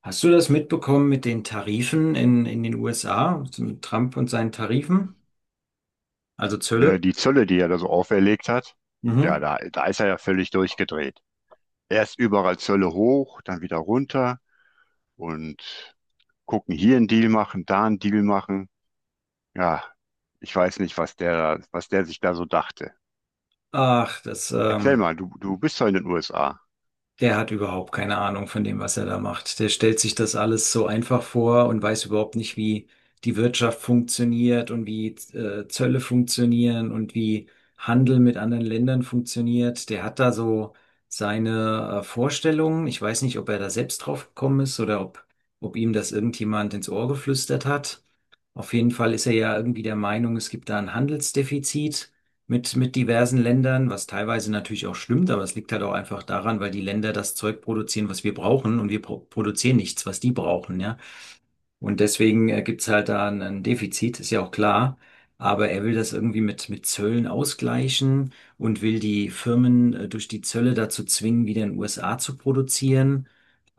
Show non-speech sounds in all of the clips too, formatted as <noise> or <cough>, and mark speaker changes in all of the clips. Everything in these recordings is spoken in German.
Speaker 1: Hast du das mitbekommen mit den Tarifen in den USA, mit Trump und seinen Tarifen, also
Speaker 2: Äh,
Speaker 1: Zölle?
Speaker 2: Die Zölle, die er da so auferlegt hat, ja,
Speaker 1: Mhm.
Speaker 2: da ist er ja völlig durchgedreht. Erst überall Zölle hoch, dann wieder runter und gucken, hier einen Deal machen, da einen Deal machen. Ja, ich weiß nicht, was der sich da so dachte.
Speaker 1: Ach, das,
Speaker 2: Erzähl
Speaker 1: ähm,
Speaker 2: mal, du bist ja in den USA.
Speaker 1: Der hat überhaupt keine Ahnung von dem, was er da macht. Der stellt sich das alles so einfach vor und weiß überhaupt nicht, wie die Wirtschaft funktioniert und wie Zölle funktionieren und wie Handel mit anderen Ländern funktioniert. Der hat da so seine Vorstellungen. Ich weiß nicht, ob er da selbst drauf gekommen ist ob ihm das irgendjemand ins Ohr geflüstert hat. Auf jeden Fall ist er ja irgendwie der Meinung, es gibt da ein Handelsdefizit mit diversen Ländern, was teilweise natürlich auch stimmt, aber es liegt halt auch einfach daran, weil die Länder das Zeug produzieren, was wir brauchen und wir produzieren nichts, was die brauchen, ja. Und deswegen gibt's halt da ein Defizit, ist ja auch klar. Aber er will das irgendwie mit Zöllen ausgleichen und will die Firmen durch die Zölle dazu zwingen, wieder in den USA zu produzieren.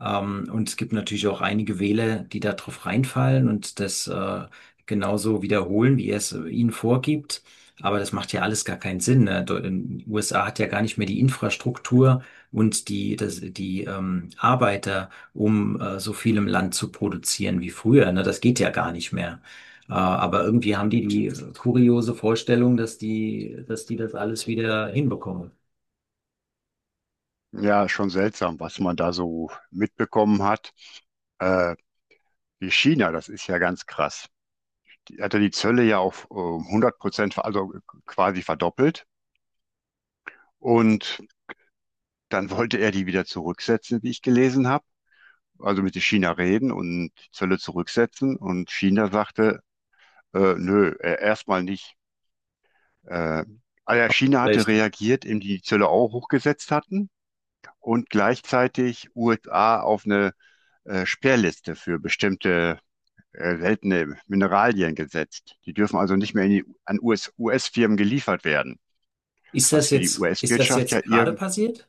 Speaker 1: Und es gibt natürlich auch einige Wähler, die da drauf reinfallen und das genauso wiederholen, wie er es ihnen vorgibt. Aber das macht ja alles gar keinen Sinn. Ne? USA hat ja gar nicht mehr die Infrastruktur und die Arbeiter um so viel im Land zu produzieren wie früher. Ne? Das geht ja gar nicht mehr. Aber irgendwie haben die kuriose Vorstellung, dass die das alles wieder hinbekommen.
Speaker 2: Ja, schon seltsam, was man da so mitbekommen hat. Äh, Wie China, das ist ja ganz krass. Die hat ja die Zölle ja auf 100%, also quasi verdoppelt. Und dann wollte er die wieder zurücksetzen, wie ich gelesen habe. Also mit China reden und die Zölle zurücksetzen. Und China sagte, nö, erstmal nicht. Äh, also China hatte
Speaker 1: Vielleicht.
Speaker 2: reagiert, indem die Zölle auch hochgesetzt hatten und gleichzeitig USA auf eine Sperrliste für bestimmte seltene Mineralien gesetzt. Die dürfen also nicht mehr in die, an US-Firmen geliefert werden, was für die
Speaker 1: Ist das
Speaker 2: US-Wirtschaft ja
Speaker 1: jetzt
Speaker 2: ir
Speaker 1: gerade passiert?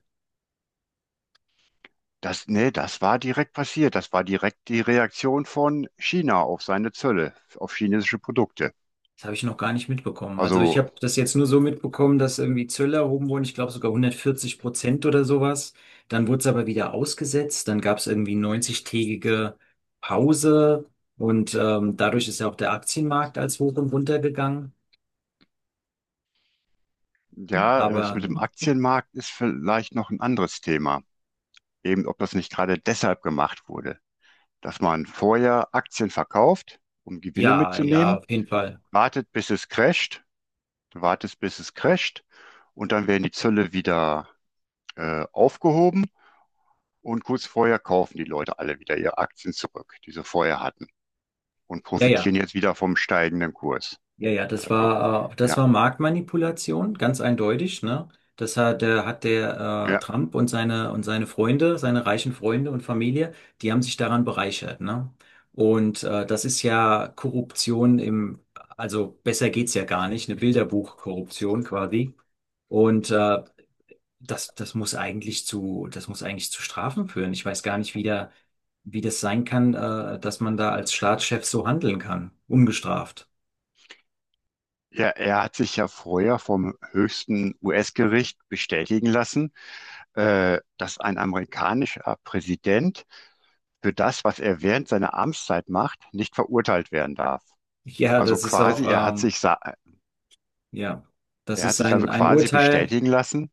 Speaker 2: Das, nee, das war direkt passiert. Das war direkt die Reaktion von China auf seine Zölle, auf chinesische Produkte.
Speaker 1: Das habe ich noch gar nicht mitbekommen. Also ich
Speaker 2: Also
Speaker 1: habe das jetzt nur so mitbekommen, dass irgendwie Zölle erhoben wurden, ich glaube sogar 140% oder sowas. Dann wurde es aber wieder ausgesetzt, dann gab es irgendwie 90-tägige Pause und dadurch ist ja auch der Aktienmarkt als hoch und runter gegangen.
Speaker 2: ja, das
Speaker 1: Aber
Speaker 2: mit dem Aktienmarkt ist vielleicht noch ein anderes Thema. Eben, ob das nicht gerade deshalb gemacht wurde, dass man vorher Aktien verkauft, um Gewinne
Speaker 1: ja, ja,
Speaker 2: mitzunehmen,
Speaker 1: auf jeden Fall.
Speaker 2: wartet, bis es crasht, wartet, bis es crasht, und dann werden die Zölle wieder aufgehoben, und kurz vorher kaufen die Leute alle wieder ihre Aktien zurück, die sie vorher hatten, und
Speaker 1: Ja, ja,
Speaker 2: profitieren jetzt wieder vom steigenden Kurs.
Speaker 1: ja, ja,
Speaker 2: Also,
Speaker 1: das
Speaker 2: ja,
Speaker 1: war Marktmanipulation, ganz eindeutig, ne? Das hat, hat der
Speaker 2: ja.
Speaker 1: Trump und seine Freunde, seine reichen Freunde und Familie, die haben sich daran bereichert, ne? Und das ist ja Korruption im, also besser geht's ja gar nicht, eine Bilderbuchkorruption quasi. Und äh, Das, das muss eigentlich zu Strafen führen. Ich weiß gar nicht, wie das sein kann, dass man da als Staatschef so handeln kann, ungestraft.
Speaker 2: Ja, er hat sich ja vorher vom höchsten US-Gericht bestätigen lassen, dass ein amerikanischer Präsident für das, was er während seiner Amtszeit macht, nicht verurteilt werden darf.
Speaker 1: Ja,
Speaker 2: Also
Speaker 1: das ist auch,
Speaker 2: quasi,
Speaker 1: ähm, ja, das
Speaker 2: er hat
Speaker 1: ist
Speaker 2: sich also
Speaker 1: ein
Speaker 2: quasi
Speaker 1: Urteil,
Speaker 2: bestätigen lassen.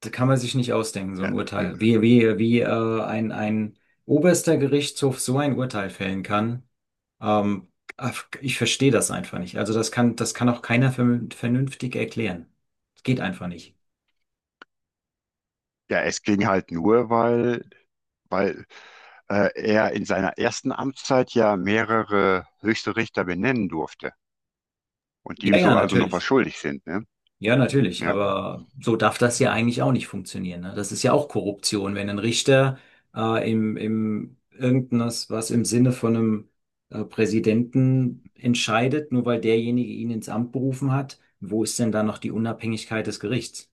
Speaker 1: da kann man sich nicht ausdenken, so ein
Speaker 2: Ja, be-
Speaker 1: Urteil. Ein oberster Gerichtshof so ein Urteil fällen kann, ähm, ach, ich verstehe das einfach nicht. Also das kann auch keiner vernünftig erklären. Das geht einfach nicht.
Speaker 2: ja, es ging halt nur, weil, weil er in seiner ersten Amtszeit ja mehrere höchste Richter benennen durfte, und die
Speaker 1: Ja,
Speaker 2: ihm
Speaker 1: ja,
Speaker 2: so also noch was
Speaker 1: natürlich.
Speaker 2: schuldig sind, ne?
Speaker 1: Ja, natürlich,
Speaker 2: Ja.
Speaker 1: aber so darf das ja eigentlich auch nicht funktionieren. Ne? Das ist ja auch Korruption, wenn ein Richter im irgendwas, was im Sinne von einem Präsidenten entscheidet, nur weil derjenige ihn ins Amt berufen hat, wo ist denn da noch die Unabhängigkeit des Gerichts?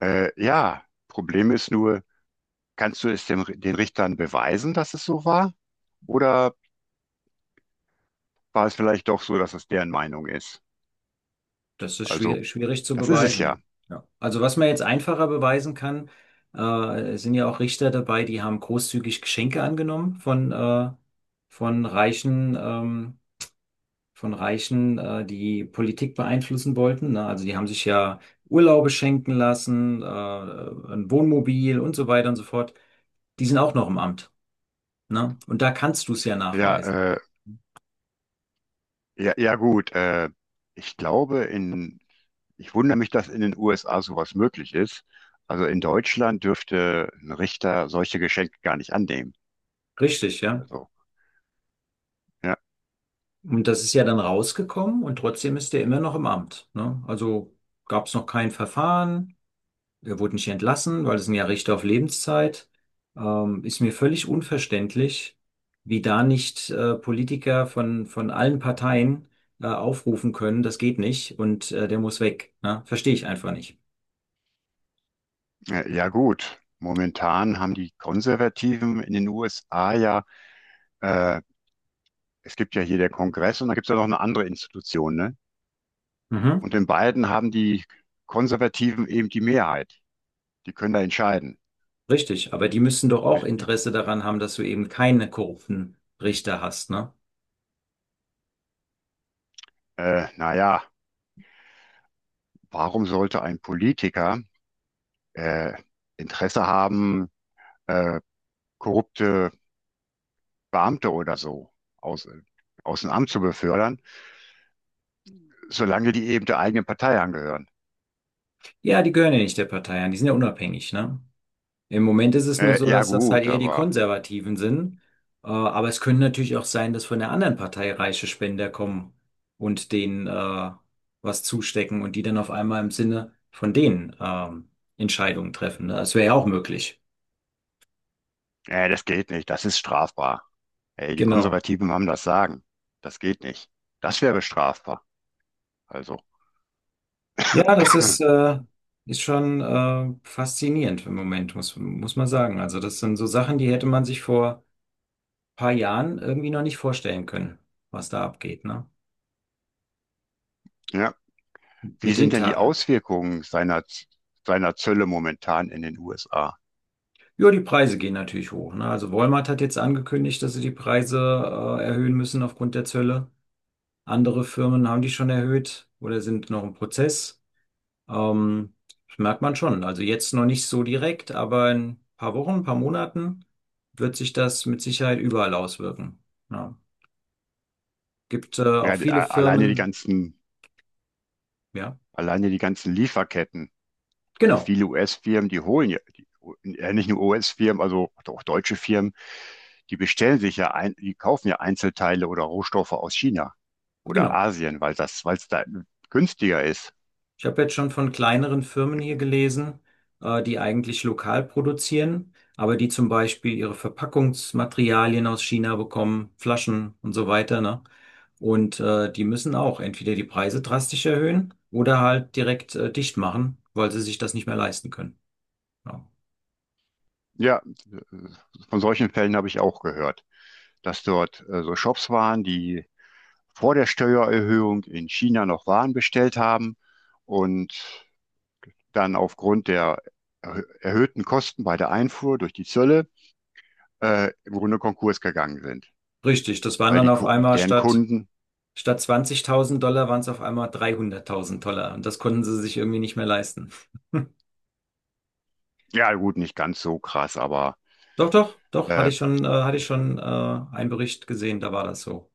Speaker 2: Ja, Problem ist nur, kannst du es dem, den Richtern beweisen, dass es so war? Oder war es vielleicht doch so, dass es deren Meinung ist?
Speaker 1: Das ist
Speaker 2: Also,
Speaker 1: schwierig, schwierig zu
Speaker 2: das ist es ja.
Speaker 1: beweisen. Ja. Also was man jetzt einfacher beweisen kann, es sind ja auch Richter dabei, die haben großzügig Geschenke angenommen von reichen ähm, von Reichen, die Politik beeinflussen wollten. Ne? Also die haben sich ja Urlaube schenken lassen, ein Wohnmobil und so weiter und so fort. Die sind auch noch im Amt. Ne? Und da kannst du es ja
Speaker 2: Ja,
Speaker 1: nachweisen.
Speaker 2: äh, Ja, ja gut, ich glaube in, ich wundere mich, dass in den USA sowas möglich ist. Also in Deutschland dürfte ein Richter solche Geschenke gar nicht annehmen.
Speaker 1: Richtig, ja.
Speaker 2: Also, ja,
Speaker 1: Und das ist ja dann rausgekommen und trotzdem ist der immer noch im Amt. Ne? Also gab es noch kein Verfahren. Er wurde nicht entlassen, weil es sind ja Richter auf Lebenszeit. Ist mir völlig unverständlich, wie da nicht Politiker von allen Parteien aufrufen können, das geht nicht und der muss weg. Ne? Verstehe ich einfach nicht.
Speaker 2: ja gut. Momentan haben die Konservativen in den USA ja, äh, es gibt ja hier der Kongress, und da gibt es ja noch eine andere Institution, ne?
Speaker 1: Mhm.
Speaker 2: Und in beiden haben die Konservativen eben die Mehrheit. Die können da entscheiden.
Speaker 1: Richtig, aber die müssen doch
Speaker 2: Äh,
Speaker 1: auch
Speaker 2: die,
Speaker 1: Interesse daran haben, dass du eben keine korrupten Richter hast, ne?
Speaker 2: naja, warum sollte ein Politiker äh, Interesse haben, äh, korrupte Beamte oder so aus, aus dem Amt zu befördern, solange die eben der eigenen Partei angehören.
Speaker 1: Ja, die gehören ja nicht der Partei an, die sind ja unabhängig, ne? Im Moment ist es nur so,
Speaker 2: Ja
Speaker 1: dass das halt
Speaker 2: gut,
Speaker 1: eher die
Speaker 2: aber
Speaker 1: Konservativen sind. Aber es können natürlich auch sein, dass von der anderen Partei reiche Spender kommen und denen was zustecken und die dann auf einmal im Sinne von denen Entscheidungen treffen. Ne? Das wäre ja auch möglich.
Speaker 2: das geht nicht, das ist strafbar. Ey, die
Speaker 1: Genau.
Speaker 2: Konservativen haben das Sagen. Das geht nicht. Das wäre strafbar. Also,
Speaker 1: Ja,
Speaker 2: <clears throat>
Speaker 1: ist schon faszinierend im Moment, muss man sagen. Also das sind so Sachen, die hätte man sich vor ein paar Jahren irgendwie noch nicht vorstellen können, was da abgeht, ne?
Speaker 2: ja. Wie
Speaker 1: Mit den
Speaker 2: sind denn die
Speaker 1: Tar
Speaker 2: Auswirkungen seiner Zölle momentan in den USA?
Speaker 1: ja, die Preise gehen natürlich hoch. Ne? Also Walmart hat jetzt angekündigt, dass sie die Preise erhöhen müssen aufgrund der Zölle. Andere Firmen haben die schon erhöht oder sind noch im Prozess. Ähm, Das merkt man schon. Also jetzt noch nicht so direkt, aber in ein paar Wochen, ein paar Monaten wird sich das mit Sicherheit überall auswirken. Ja. Gibt auch
Speaker 2: Ja,
Speaker 1: viele Firmen, ja,
Speaker 2: alleine die ganzen Lieferketten. Also
Speaker 1: genau,
Speaker 2: viele US-Firmen, die holen ja, die, nicht nur US-Firmen, also auch deutsche Firmen, die kaufen ja Einzelteile oder Rohstoffe aus China oder
Speaker 1: genau.
Speaker 2: Asien, weil weil es da günstiger ist.
Speaker 1: Ich habe jetzt schon von kleineren Firmen hier gelesen, die eigentlich lokal produzieren, aber die zum Beispiel ihre Verpackungsmaterialien aus China bekommen, Flaschen und so weiter, ne? Und die müssen auch entweder die Preise drastisch erhöhen oder halt direkt dicht machen, weil sie sich das nicht mehr leisten können. Ja.
Speaker 2: Ja, von solchen Fällen habe ich auch gehört, dass dort so Shops waren, die vor der Steuererhöhung in China noch Waren bestellt haben und dann aufgrund der erhöhten Kosten bei der Einfuhr durch die Zölle im Grunde Konkurs gegangen sind,
Speaker 1: Richtig, das waren
Speaker 2: weil
Speaker 1: dann
Speaker 2: die, deren Kunden,
Speaker 1: statt 20.000 $ waren es auf einmal 300.000 $ und das konnten sie sich irgendwie nicht mehr leisten.
Speaker 2: ja gut, nicht ganz so krass, aber
Speaker 1: Doch, doch, doch,
Speaker 2: äh,
Speaker 1: hatte ich schon einen Bericht gesehen, da war das so.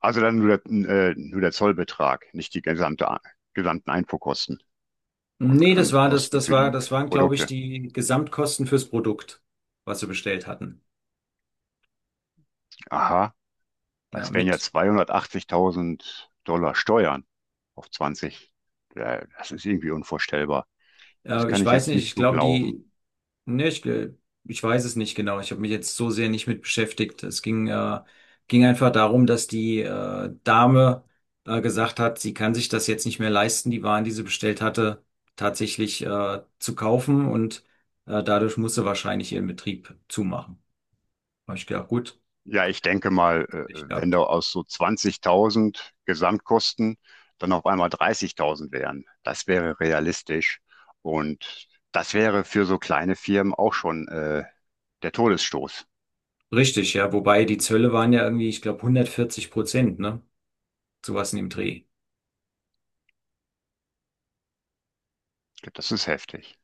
Speaker 2: also dann nur der Zollbetrag, nicht die gesamten Einfuhrkosten
Speaker 1: Nee, das
Speaker 2: und
Speaker 1: war das,
Speaker 2: Kosten
Speaker 1: das
Speaker 2: für
Speaker 1: war,
Speaker 2: die
Speaker 1: das waren, glaube ich,
Speaker 2: Produkte.
Speaker 1: die Gesamtkosten fürs Produkt, was sie bestellt hatten.
Speaker 2: Aha,
Speaker 1: Ja,
Speaker 2: das wären ja 280.000 Dollar Steuern auf 20. Ja, das ist irgendwie unvorstellbar. Das kann
Speaker 1: ich
Speaker 2: ich
Speaker 1: weiß
Speaker 2: jetzt
Speaker 1: nicht,
Speaker 2: nicht
Speaker 1: ich
Speaker 2: so
Speaker 1: glaube,
Speaker 2: glauben.
Speaker 1: die, ne, ich, gl- ich weiß es nicht genau. Ich habe mich jetzt so sehr nicht mit beschäftigt. Ging einfach darum, dass die Dame gesagt hat, sie kann sich das jetzt nicht mehr leisten, die Waren, die sie bestellt hatte, tatsächlich zu kaufen und dadurch musste wahrscheinlich ihren Betrieb zumachen. Hab ich gedacht, gut,
Speaker 2: Ja, ich denke mal,
Speaker 1: ich
Speaker 2: wenn da
Speaker 1: gehabt.
Speaker 2: aus so 20.000 Gesamtkosten dann auf einmal 30.000 wären, das wäre realistisch. Und das wäre für so kleine Firmen auch schon der Todesstoß.
Speaker 1: Richtig, ja. Wobei die Zölle waren ja irgendwie, ich glaube, 140%, ne? Sowas in dem Dreh.
Speaker 2: Das ist heftig.